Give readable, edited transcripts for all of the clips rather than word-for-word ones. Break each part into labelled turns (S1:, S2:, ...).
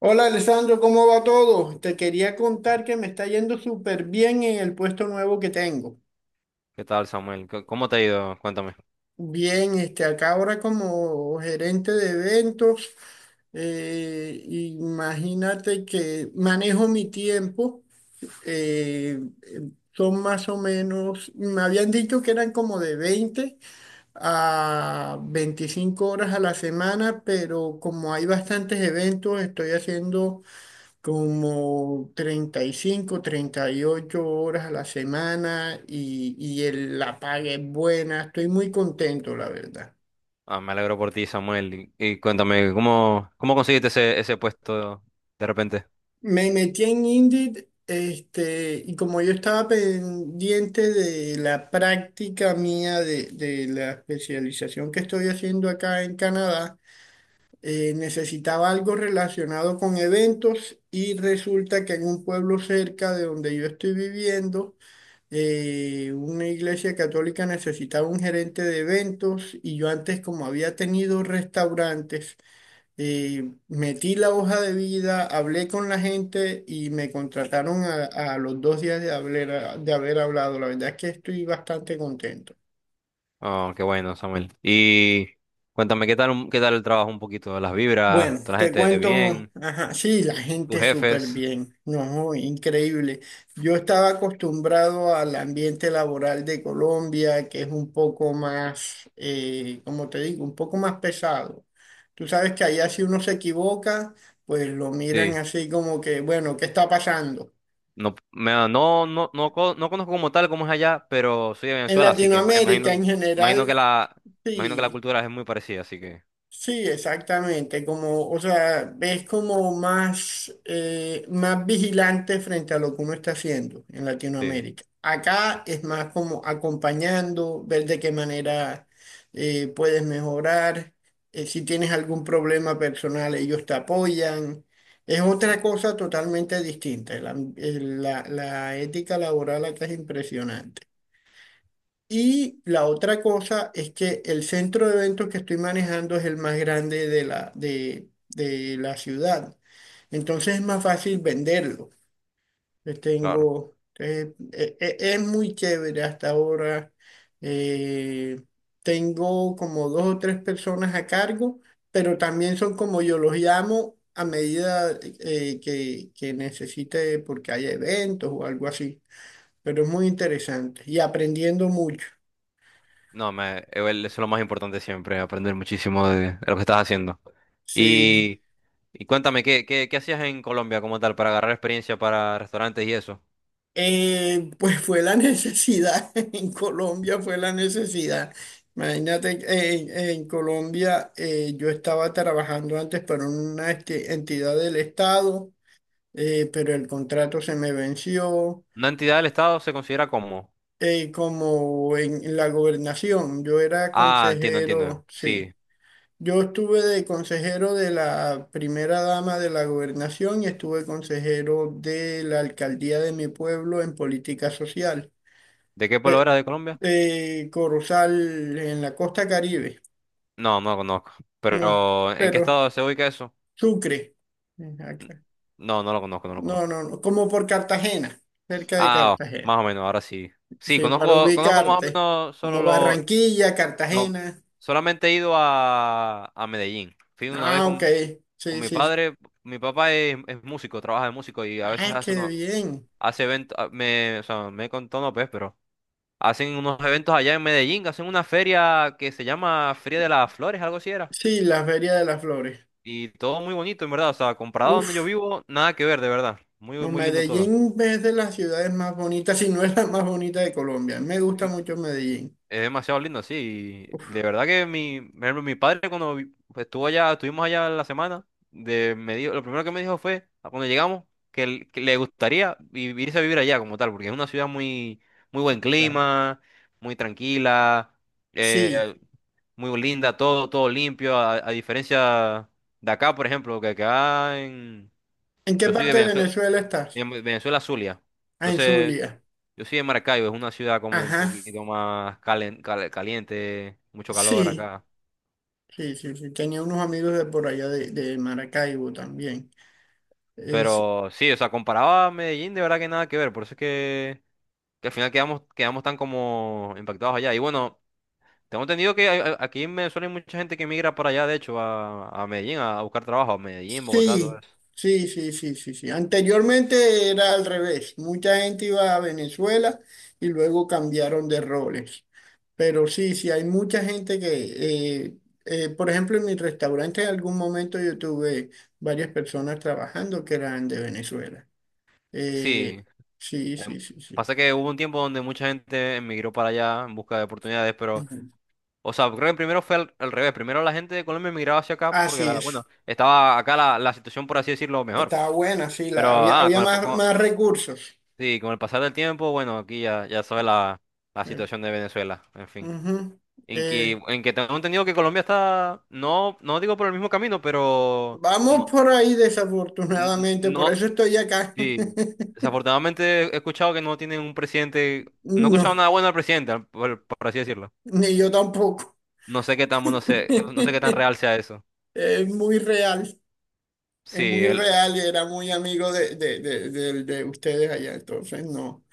S1: Hola Alessandro, ¿cómo va todo? Te quería contar que me está yendo súper bien en el puesto nuevo que tengo.
S2: ¿Qué tal, Samuel? ¿¿Cómo te ha ido? Cuéntame.
S1: Bien, acá ahora como gerente de eventos. Imagínate que manejo mi tiempo. eh, eh, Son más o menos, me habían dicho que eran como de 20 a 25 horas a la semana, pero como hay bastantes eventos, estoy haciendo como 35, 38 horas a la semana, y la paga es buena. Estoy muy contento, la verdad.
S2: Ah, me alegro por ti, Samuel. Y cuéntame, ¿cómo conseguiste ese puesto de repente?
S1: Me metí en Indeed, y como yo estaba pendiente de la práctica mía de la especialización que estoy haciendo acá en Canadá. Necesitaba algo relacionado con eventos, y resulta que en un pueblo cerca de donde yo estoy viviendo, una iglesia católica necesitaba un gerente de eventos, y yo antes como había tenido restaurantes. Metí la hoja de vida, hablé con la gente y me contrataron a los 2 días de de haber hablado. La verdad es que estoy bastante contento.
S2: Oh, qué bueno, Samuel. Y cuéntame, ¿ qué tal el trabajo un poquito? ¿Las
S1: Bueno,
S2: vibras? ¿Toda la
S1: te
S2: gente
S1: cuento,
S2: bien?
S1: ajá, sí, la
S2: ¿Tus
S1: gente súper
S2: jefes?
S1: bien, no, increíble. Yo estaba acostumbrado al ambiente laboral de Colombia, que es un poco más, como te digo, un poco más pesado. Tú sabes que allá si uno se equivoca, pues lo miran
S2: Sí.
S1: así como que, bueno, ¿qué está pasando?
S2: No, me, no, no, no, co- No conozco como tal cómo es allá, pero soy de
S1: En
S2: Venezuela, así que imagino,
S1: Latinoamérica en
S2: imagino que
S1: general,
S2: la, imagino que la
S1: sí.
S2: cultura es muy parecida, así que
S1: Sí, exactamente, como, o sea, es como más, más vigilante frente a lo que uno está haciendo en
S2: sí,
S1: Latinoamérica. Acá es más como acompañando, ver de qué manera puedes mejorar. Si tienes algún problema personal, ellos te apoyan. Es otra cosa totalmente distinta. La ética laboral acá es impresionante. Y la otra cosa es que el centro de eventos que estoy manejando es el más grande de de la ciudad. Entonces es más fácil venderlo. Le
S2: claro.
S1: tengo, e- e- Es muy chévere hasta ahora. Eh, Tengo como dos o tres personas a cargo, pero también son como yo los llamo a medida que necesite, porque hay eventos o algo así. Pero es muy interesante y aprendiendo mucho.
S2: No, me, Igual eso es lo más importante siempre, aprender muchísimo de lo que estás haciendo.
S1: Sí.
S2: Y, y cuéntame, ¿qué hacías en Colombia como tal para agarrar experiencia para restaurantes y eso?
S1: Pues fue la necesidad, en Colombia fue la necesidad. Imagínate, en Colombia yo estaba trabajando antes para una entidad del Estado. Pero el contrato se me venció.
S2: ¿Una entidad del Estado se considera como?
S1: Como en la gobernación, yo era
S2: Ah, entiendo, entiendo.
S1: consejero, sí.
S2: Sí.
S1: Yo estuve de consejero de la primera dama de la gobernación y estuve consejero de la alcaldía de mi pueblo en política social.
S2: ¿De qué pueblo era de Colombia?
S1: Corozal, en la costa Caribe.
S2: No, no lo conozco.
S1: No,
S2: Pero, ¿en qué
S1: pero
S2: estado se ubica eso?
S1: Sucre.
S2: N-
S1: Acá.
S2: No, no lo conozco, no lo
S1: No,
S2: conozco.
S1: no, no, como por Cartagena, cerca de
S2: Ah,
S1: Cartagena,
S2: más o menos, ahora sí. Sí,
S1: sí, para
S2: conozco, conozco más o
S1: ubicarte,
S2: menos
S1: como Barranquilla,
S2: lo-
S1: Cartagena.
S2: solamente he ido a Medellín. Fui una vez
S1: Ah, ok,
S2: con
S1: sí,
S2: mi
S1: sí.
S2: padre, mi papá es músico, trabaja de músico y a veces
S1: Ah, qué bien.
S2: hace eventos, o sea, me contó no pues, pero hacen unos eventos allá en Medellín, hacen una feria que se llama Feria de las Flores, algo así era.
S1: Sí, la Feria de las Flores.
S2: Y todo muy bonito, en verdad, o sea, comparado a donde yo
S1: Uf,
S2: vivo, nada que ver, de verdad. Muy,
S1: no,
S2: muy lindo todo.
S1: Medellín es de las ciudades más bonitas, si no es la más bonita de Colombia, me gusta mucho Medellín.
S2: Es demasiado lindo, sí. y De
S1: Uf, o
S2: verdad que por ejemplo, mi padre cuando estuvo allá, estuvimos allá la semana, me dijo, lo primero que me dijo fue, a cuando llegamos, que le gustaría irse a vivir allá como tal, porque es una ciudad muy, muy buen
S1: sea,
S2: clima, muy tranquila,
S1: sí.
S2: eh, muy linda, todo, todo limpio, a diferencia de acá, por ejemplo, que acá en,
S1: ¿En qué
S2: yo soy de
S1: parte de
S2: Venezuela,
S1: Venezuela estás?
S2: en Venezuela, Zulia.
S1: Ah, en
S2: Entonces,
S1: Zulia.
S2: yo soy de Maracaibo, es una ciudad como un
S1: Ajá,
S2: poquito más caliente, mucho calor
S1: sí,
S2: acá.
S1: sí, sí, sí. Tenía unos amigos de por allá de Maracaibo también. Es,
S2: Pero sí, o sea, comparado a Medellín, de verdad que nada que ver. Por eso es que al final quedamos, quedamos tan como impactados allá. Y bueno, tengo entendido que aquí en Venezuela hay mucha gente que migra para allá, de hecho, a Medellín, a buscar trabajo, a Medellín, Bogotá, todo
S1: sí,
S2: eso.
S1: sí, sí, sí, sí, sí. Anteriormente era al revés. Mucha gente iba a Venezuela y luego cambiaron de roles. Pero sí, sí, hay mucha gente que, por ejemplo, en mi restaurante en algún momento yo tuve varias personas trabajando que eran de Venezuela. Eh,
S2: Sí,
S1: sí,
S2: em,
S1: sí, sí, sí.
S2: pasa que hubo un tiempo donde mucha gente emigró para allá en busca de oportunidades, pero...
S1: Ujú.
S2: O sea, creo que primero fue al, al revés. Primero la gente de Colombia emigraba hacia acá porque,
S1: Así
S2: la,
S1: es.
S2: bueno, estaba acá la, la situación, por así decirlo, mejor.
S1: Estaba buena, sí,
S2: Pero,
S1: había,
S2: ah,
S1: había
S2: con el, po-
S1: más,
S2: con-
S1: más recursos.
S2: sí, con el pasar del tiempo, bueno, aquí ya, ya sabes la, la
S1: Eh,
S2: situación de Venezuela, en fin.
S1: Ujú. Eh,
S2: En que tengo entendido que Colombia está, no, no digo por el mismo camino, pero
S1: Vamos
S2: no,
S1: por ahí, desafortunadamente, por
S2: no,
S1: eso estoy acá.
S2: sí. Desafortunadamente he escuchado que no tienen un presidente, no he escuchado
S1: No,
S2: nada bueno del presidente, por así decirlo.
S1: ni yo tampoco.
S2: No sé qué tan, no sé qué tan real sea eso.
S1: Es muy real,
S2: Sí,
S1: es muy
S2: él,
S1: real y era muy amigo de, de ustedes allá, entonces no,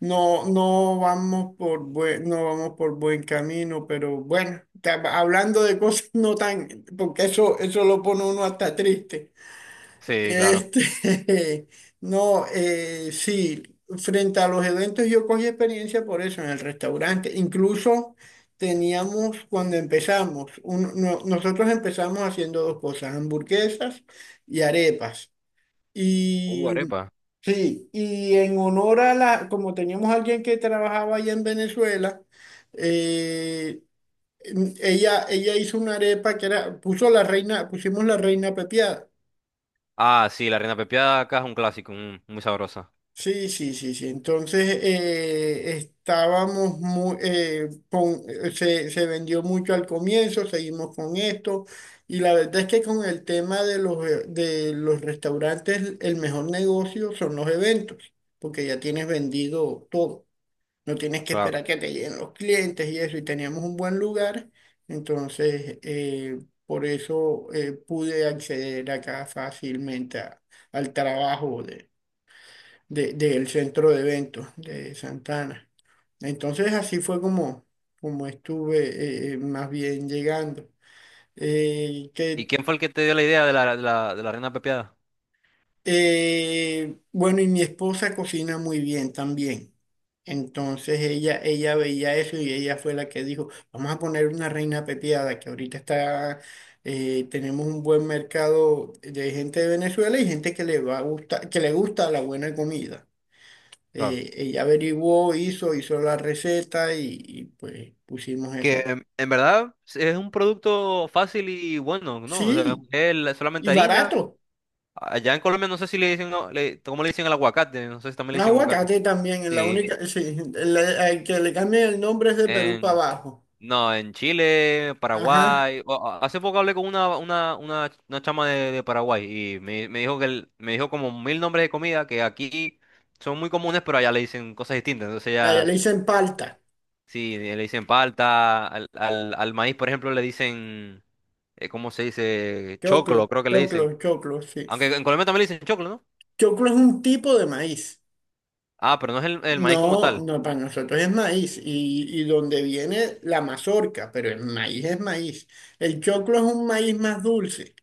S1: no, no vamos por buen camino, pero bueno, hablando de cosas no tan, porque eso lo pone uno hasta triste.
S2: sí, claro.
S1: Este, no, sí, frente a los eventos yo cogí experiencia por eso en el restaurante. Incluso teníamos, cuando empezamos, nosotros empezamos haciendo dos cosas, hamburguesas y arepas. Y
S2: Arepa.
S1: sí, y en honor a la, como teníamos alguien que trabajaba allá en Venezuela, eh, ella hizo una arepa que era, pusimos la reina pepiada.
S2: Ah, sí, la reina pepiada acá es un clásico, mm, muy sabrosa.
S1: Sí, sí, sí, sí. Entonces estábamos muy, se vendió mucho al comienzo, seguimos con esto, y la verdad es que con el tema de los restaurantes, el mejor negocio son los eventos, porque ya tienes vendido todo, no tienes que
S2: Claro.
S1: esperar que te lleguen los clientes y eso, y teníamos un buen lugar. Entonces por eso pude acceder acá fácilmente al trabajo del centro de eventos de Santana. Entonces así fue como, como estuve más bien llegando. Eh,
S2: ¿Y
S1: que,
S2: quién fue el que te dio la idea de la, de la, de la reina pepiada?
S1: bueno, y mi esposa cocina muy bien también. Entonces ella veía eso y ella fue la que dijo, vamos a poner una reina pepiada, que ahorita está, tenemos un buen mercado de gente de Venezuela y gente que le va a gustar, que le gusta la buena comida.
S2: Claro.
S1: Ella averiguó, hizo la receta y pues pusimos eso.
S2: Que en verdad es un producto fácil y bueno, ¿no? O sea,
S1: Sí,
S2: solamente
S1: y
S2: harina.
S1: barato.
S2: Allá en Colombia no sé si le dicen, no, le, ¿cómo le dicen al aguacate? No sé si también le
S1: Un
S2: dicen aguacate.
S1: aguacate también, es la
S2: Sí.
S1: única, sí, el que le cambien el nombre es de Perú para
S2: en
S1: abajo.
S2: No, en Chile,
S1: Ajá,
S2: Paraguay. Hace poco hablé con una chama de Paraguay y me dijo que me dijo como mil nombres de comida que aquí son muy comunes, pero allá le dicen cosas distintas. Entonces
S1: allá
S2: ya,
S1: le dicen palta,
S2: sí, le dicen palta, al maíz, por ejemplo, le dicen, ¿cómo se dice?
S1: choclo,
S2: Choclo, creo que le dicen.
S1: choclo, choclo, sí.
S2: Aunque en Colombia también le dicen choclo, ¿no?
S1: Choclo es un tipo de maíz.
S2: Ah, pero no es el maíz como
S1: No,
S2: tal.
S1: no, para nosotros es maíz y donde viene la mazorca, pero el maíz es maíz. El choclo es un maíz más dulce.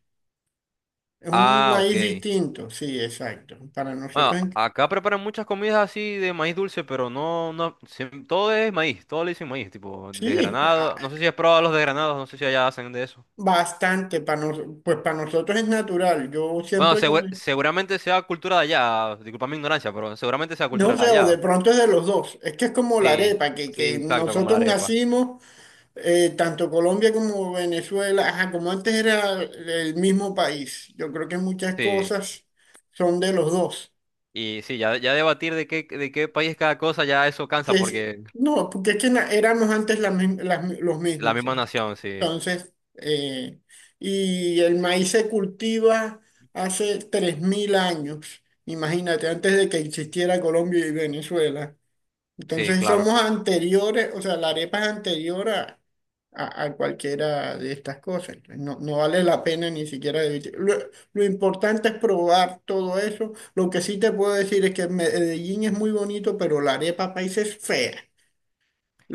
S1: Es un
S2: Ah,
S1: maíz
S2: ok.
S1: distinto, sí, exacto. Para nosotros,
S2: Bueno,
S1: en-
S2: acá preparan muchas comidas así de maíz dulce, pero no, no, todo es maíz, todo le dicen maíz, tipo
S1: sí, ah,
S2: desgranado. No sé si has probado los desgranados, no sé si allá hacen de eso.
S1: bastante. Para nos- pues para nosotros es natural. Yo
S2: Bueno,
S1: siempre comí.
S2: seguramente sea cultura de allá, disculpa mi ignorancia, pero seguramente sea
S1: No
S2: cultura de
S1: sé, o de
S2: allá.
S1: pronto es de los dos. Es que es como la
S2: Sí,
S1: arepa,
S2: sí,
S1: que
S2: exacto, como la
S1: nosotros
S2: arepa.
S1: nacimos, tanto Colombia como Venezuela, ajá, como antes era el mismo país. Yo creo que muchas
S2: Sí,
S1: cosas son de los dos.
S2: y sí, ya, ya debatir de qué país cada cosa, ya eso
S1: Que
S2: cansa,
S1: es-
S2: porque
S1: no, porque es que éramos antes la mi- las mi- los
S2: la
S1: mismos.
S2: misma
S1: Sí.
S2: nación, sí,
S1: Entonces, y el maíz se cultiva hace 3.000 años, imagínate, antes de que existiera Colombia y Venezuela.
S2: sí,
S1: Entonces
S2: claro.
S1: somos anteriores, o sea, la arepa es anterior a, a cualquiera de estas cosas. Entonces, no, no vale la pena ni siquiera debatir. Lo importante es probar todo eso. Lo que sí te puedo decir es que Medellín es muy bonito, pero la arepa país es fea.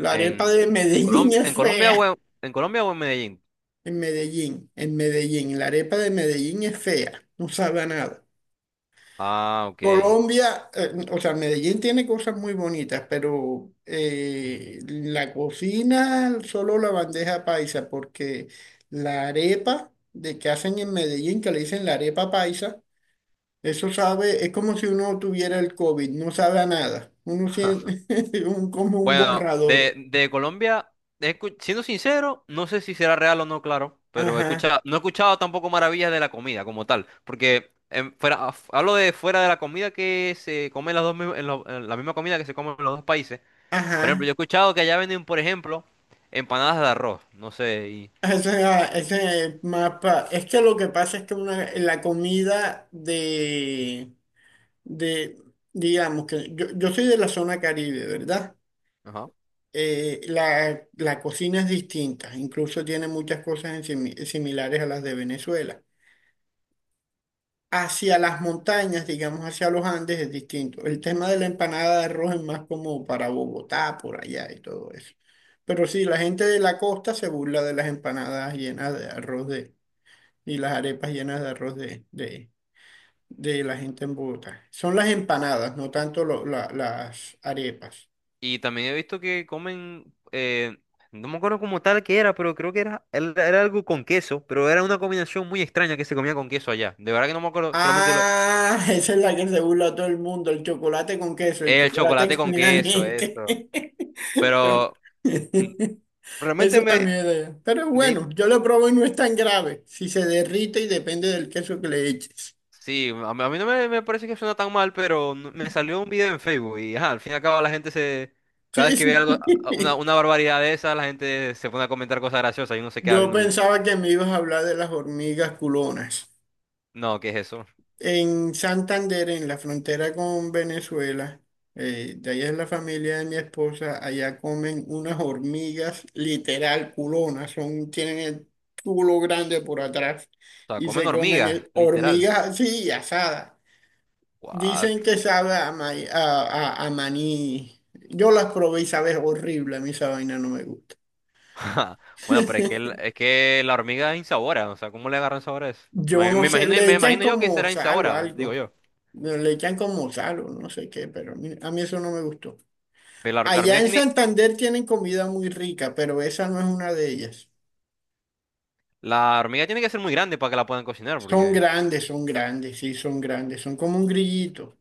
S1: La arepa
S2: En,
S1: de Medellín es
S2: En Colombia o
S1: fea.
S2: en Colombia o en Medellín.
S1: En Medellín, en Medellín. La arepa de Medellín es fea, no sabe a nada.
S2: Ah, ok.
S1: Colombia, o sea, Medellín tiene cosas muy bonitas, pero la cocina, solo la bandeja paisa, porque la arepa de que hacen en Medellín, que le dicen la arepa paisa, eso sabe, es como si uno tuviera el COVID, no sabe a nada. Uno siente como un
S2: Bueno,
S1: borrador.
S2: de Colombia, siendo sincero, no sé si será real o no, claro, pero he
S1: Ajá,
S2: escuchado, no he escuchado tampoco maravillas de la comida como tal, porque en fuera, hablo de fuera de la comida que se come en, las dos, en la misma comida que se come en los dos países. Por ejemplo,
S1: ajá.
S2: yo he escuchado que allá venden, por ejemplo, empanadas de arroz, no sé, y,
S1: Ese mapa, es que lo que pasa es que una, la comida de, digamos que yo soy de la zona Caribe, ¿verdad?
S2: ajá.
S1: La cocina es distinta, incluso tiene muchas cosas en similares a las de Venezuela. Hacia las montañas, digamos, hacia los Andes es distinto. El tema de la empanada de arroz es más como para Bogotá, por allá y todo eso. Pero sí, la gente de la costa se burla de las empanadas llenas de arroz y las arepas llenas de arroz de la gente en Bogotá. Son las empanadas, no tanto las arepas.
S2: Y también he visto que comen, no me acuerdo como tal que era, pero creo que era, era algo con queso, pero era una combinación muy extraña que se comía con queso allá. De verdad que no me acuerdo, solamente lo...
S1: Ah, esa es la que se burla a todo el mundo, el chocolate con queso, el
S2: El
S1: chocolate
S2: chocolate con queso,
S1: caliente.
S2: eso.
S1: Yo-
S2: Pero mm, realmente
S1: Eso también es de allá. Pero
S2: me di-
S1: bueno, yo lo probo y no es tan grave. Si se derrite y depende del queso que le eches.
S2: sí, a mí no me, me parece que suena tan mal, pero me salió un video en Facebook y ajá, al fin y al cabo la gente se, cada vez
S1: Sí,
S2: que ve algo,
S1: sí.
S2: una barbaridad de esa, la gente se pone a comentar cosas graciosas y uno se queda
S1: Yo
S2: viendo el video.
S1: pensaba que me ibas a hablar de las hormigas culonas.
S2: No, ¿qué es eso? O
S1: En Santander, en la frontera con Venezuela, de allá es la familia de mi esposa, allá comen unas hormigas literal culonas, son, tienen el culo grande por atrás
S2: sea,
S1: y
S2: comen
S1: se comen
S2: hormigas, literal.
S1: hormigas así asadas.
S2: What?
S1: Dicen que sabe a, a maní. Yo las probé y sabe horrible, a mí esa vaina no me gusta.
S2: Bueno, pero es que, es que la hormiga es insabora, o sea, ¿cómo le agarran sabor a eso?
S1: Yo
S2: Me imagino,
S1: no sé, le
S2: me
S1: echan
S2: imagino yo que
S1: como
S2: será
S1: sal o
S2: insabora, digo
S1: algo,
S2: yo.
S1: le echan como sal o no sé qué, pero a mí eso no me gustó.
S2: Pero la
S1: Allá
S2: hormiga
S1: en
S2: tiene
S1: Santander tienen comida muy rica, pero esa no es una de ellas.
S2: La hormiga tiene que ser muy grande para que la puedan cocinar, porque.
S1: Son grandes, sí, son grandes, son como un grillito.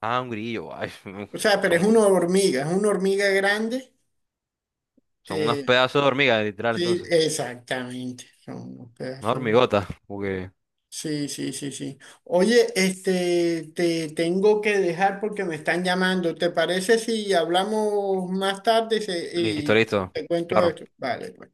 S2: Ah, un grillo. Ay,
S1: O sea, pero
S2: son,
S1: es una hormiga grande.
S2: son unos
S1: eh,
S2: pedazos de hormiga, literal,
S1: sí,
S2: entonces.
S1: exactamente, son unos
S2: Una
S1: pedazos. De-
S2: hormigota, porque.
S1: Sí, sí, sí, sí. Oye, este, te tengo que dejar porque me están llamando. ¿Te parece si hablamos más tarde
S2: Listo,
S1: y
S2: listo.
S1: te cuento
S2: Claro.
S1: esto? Vale, pues.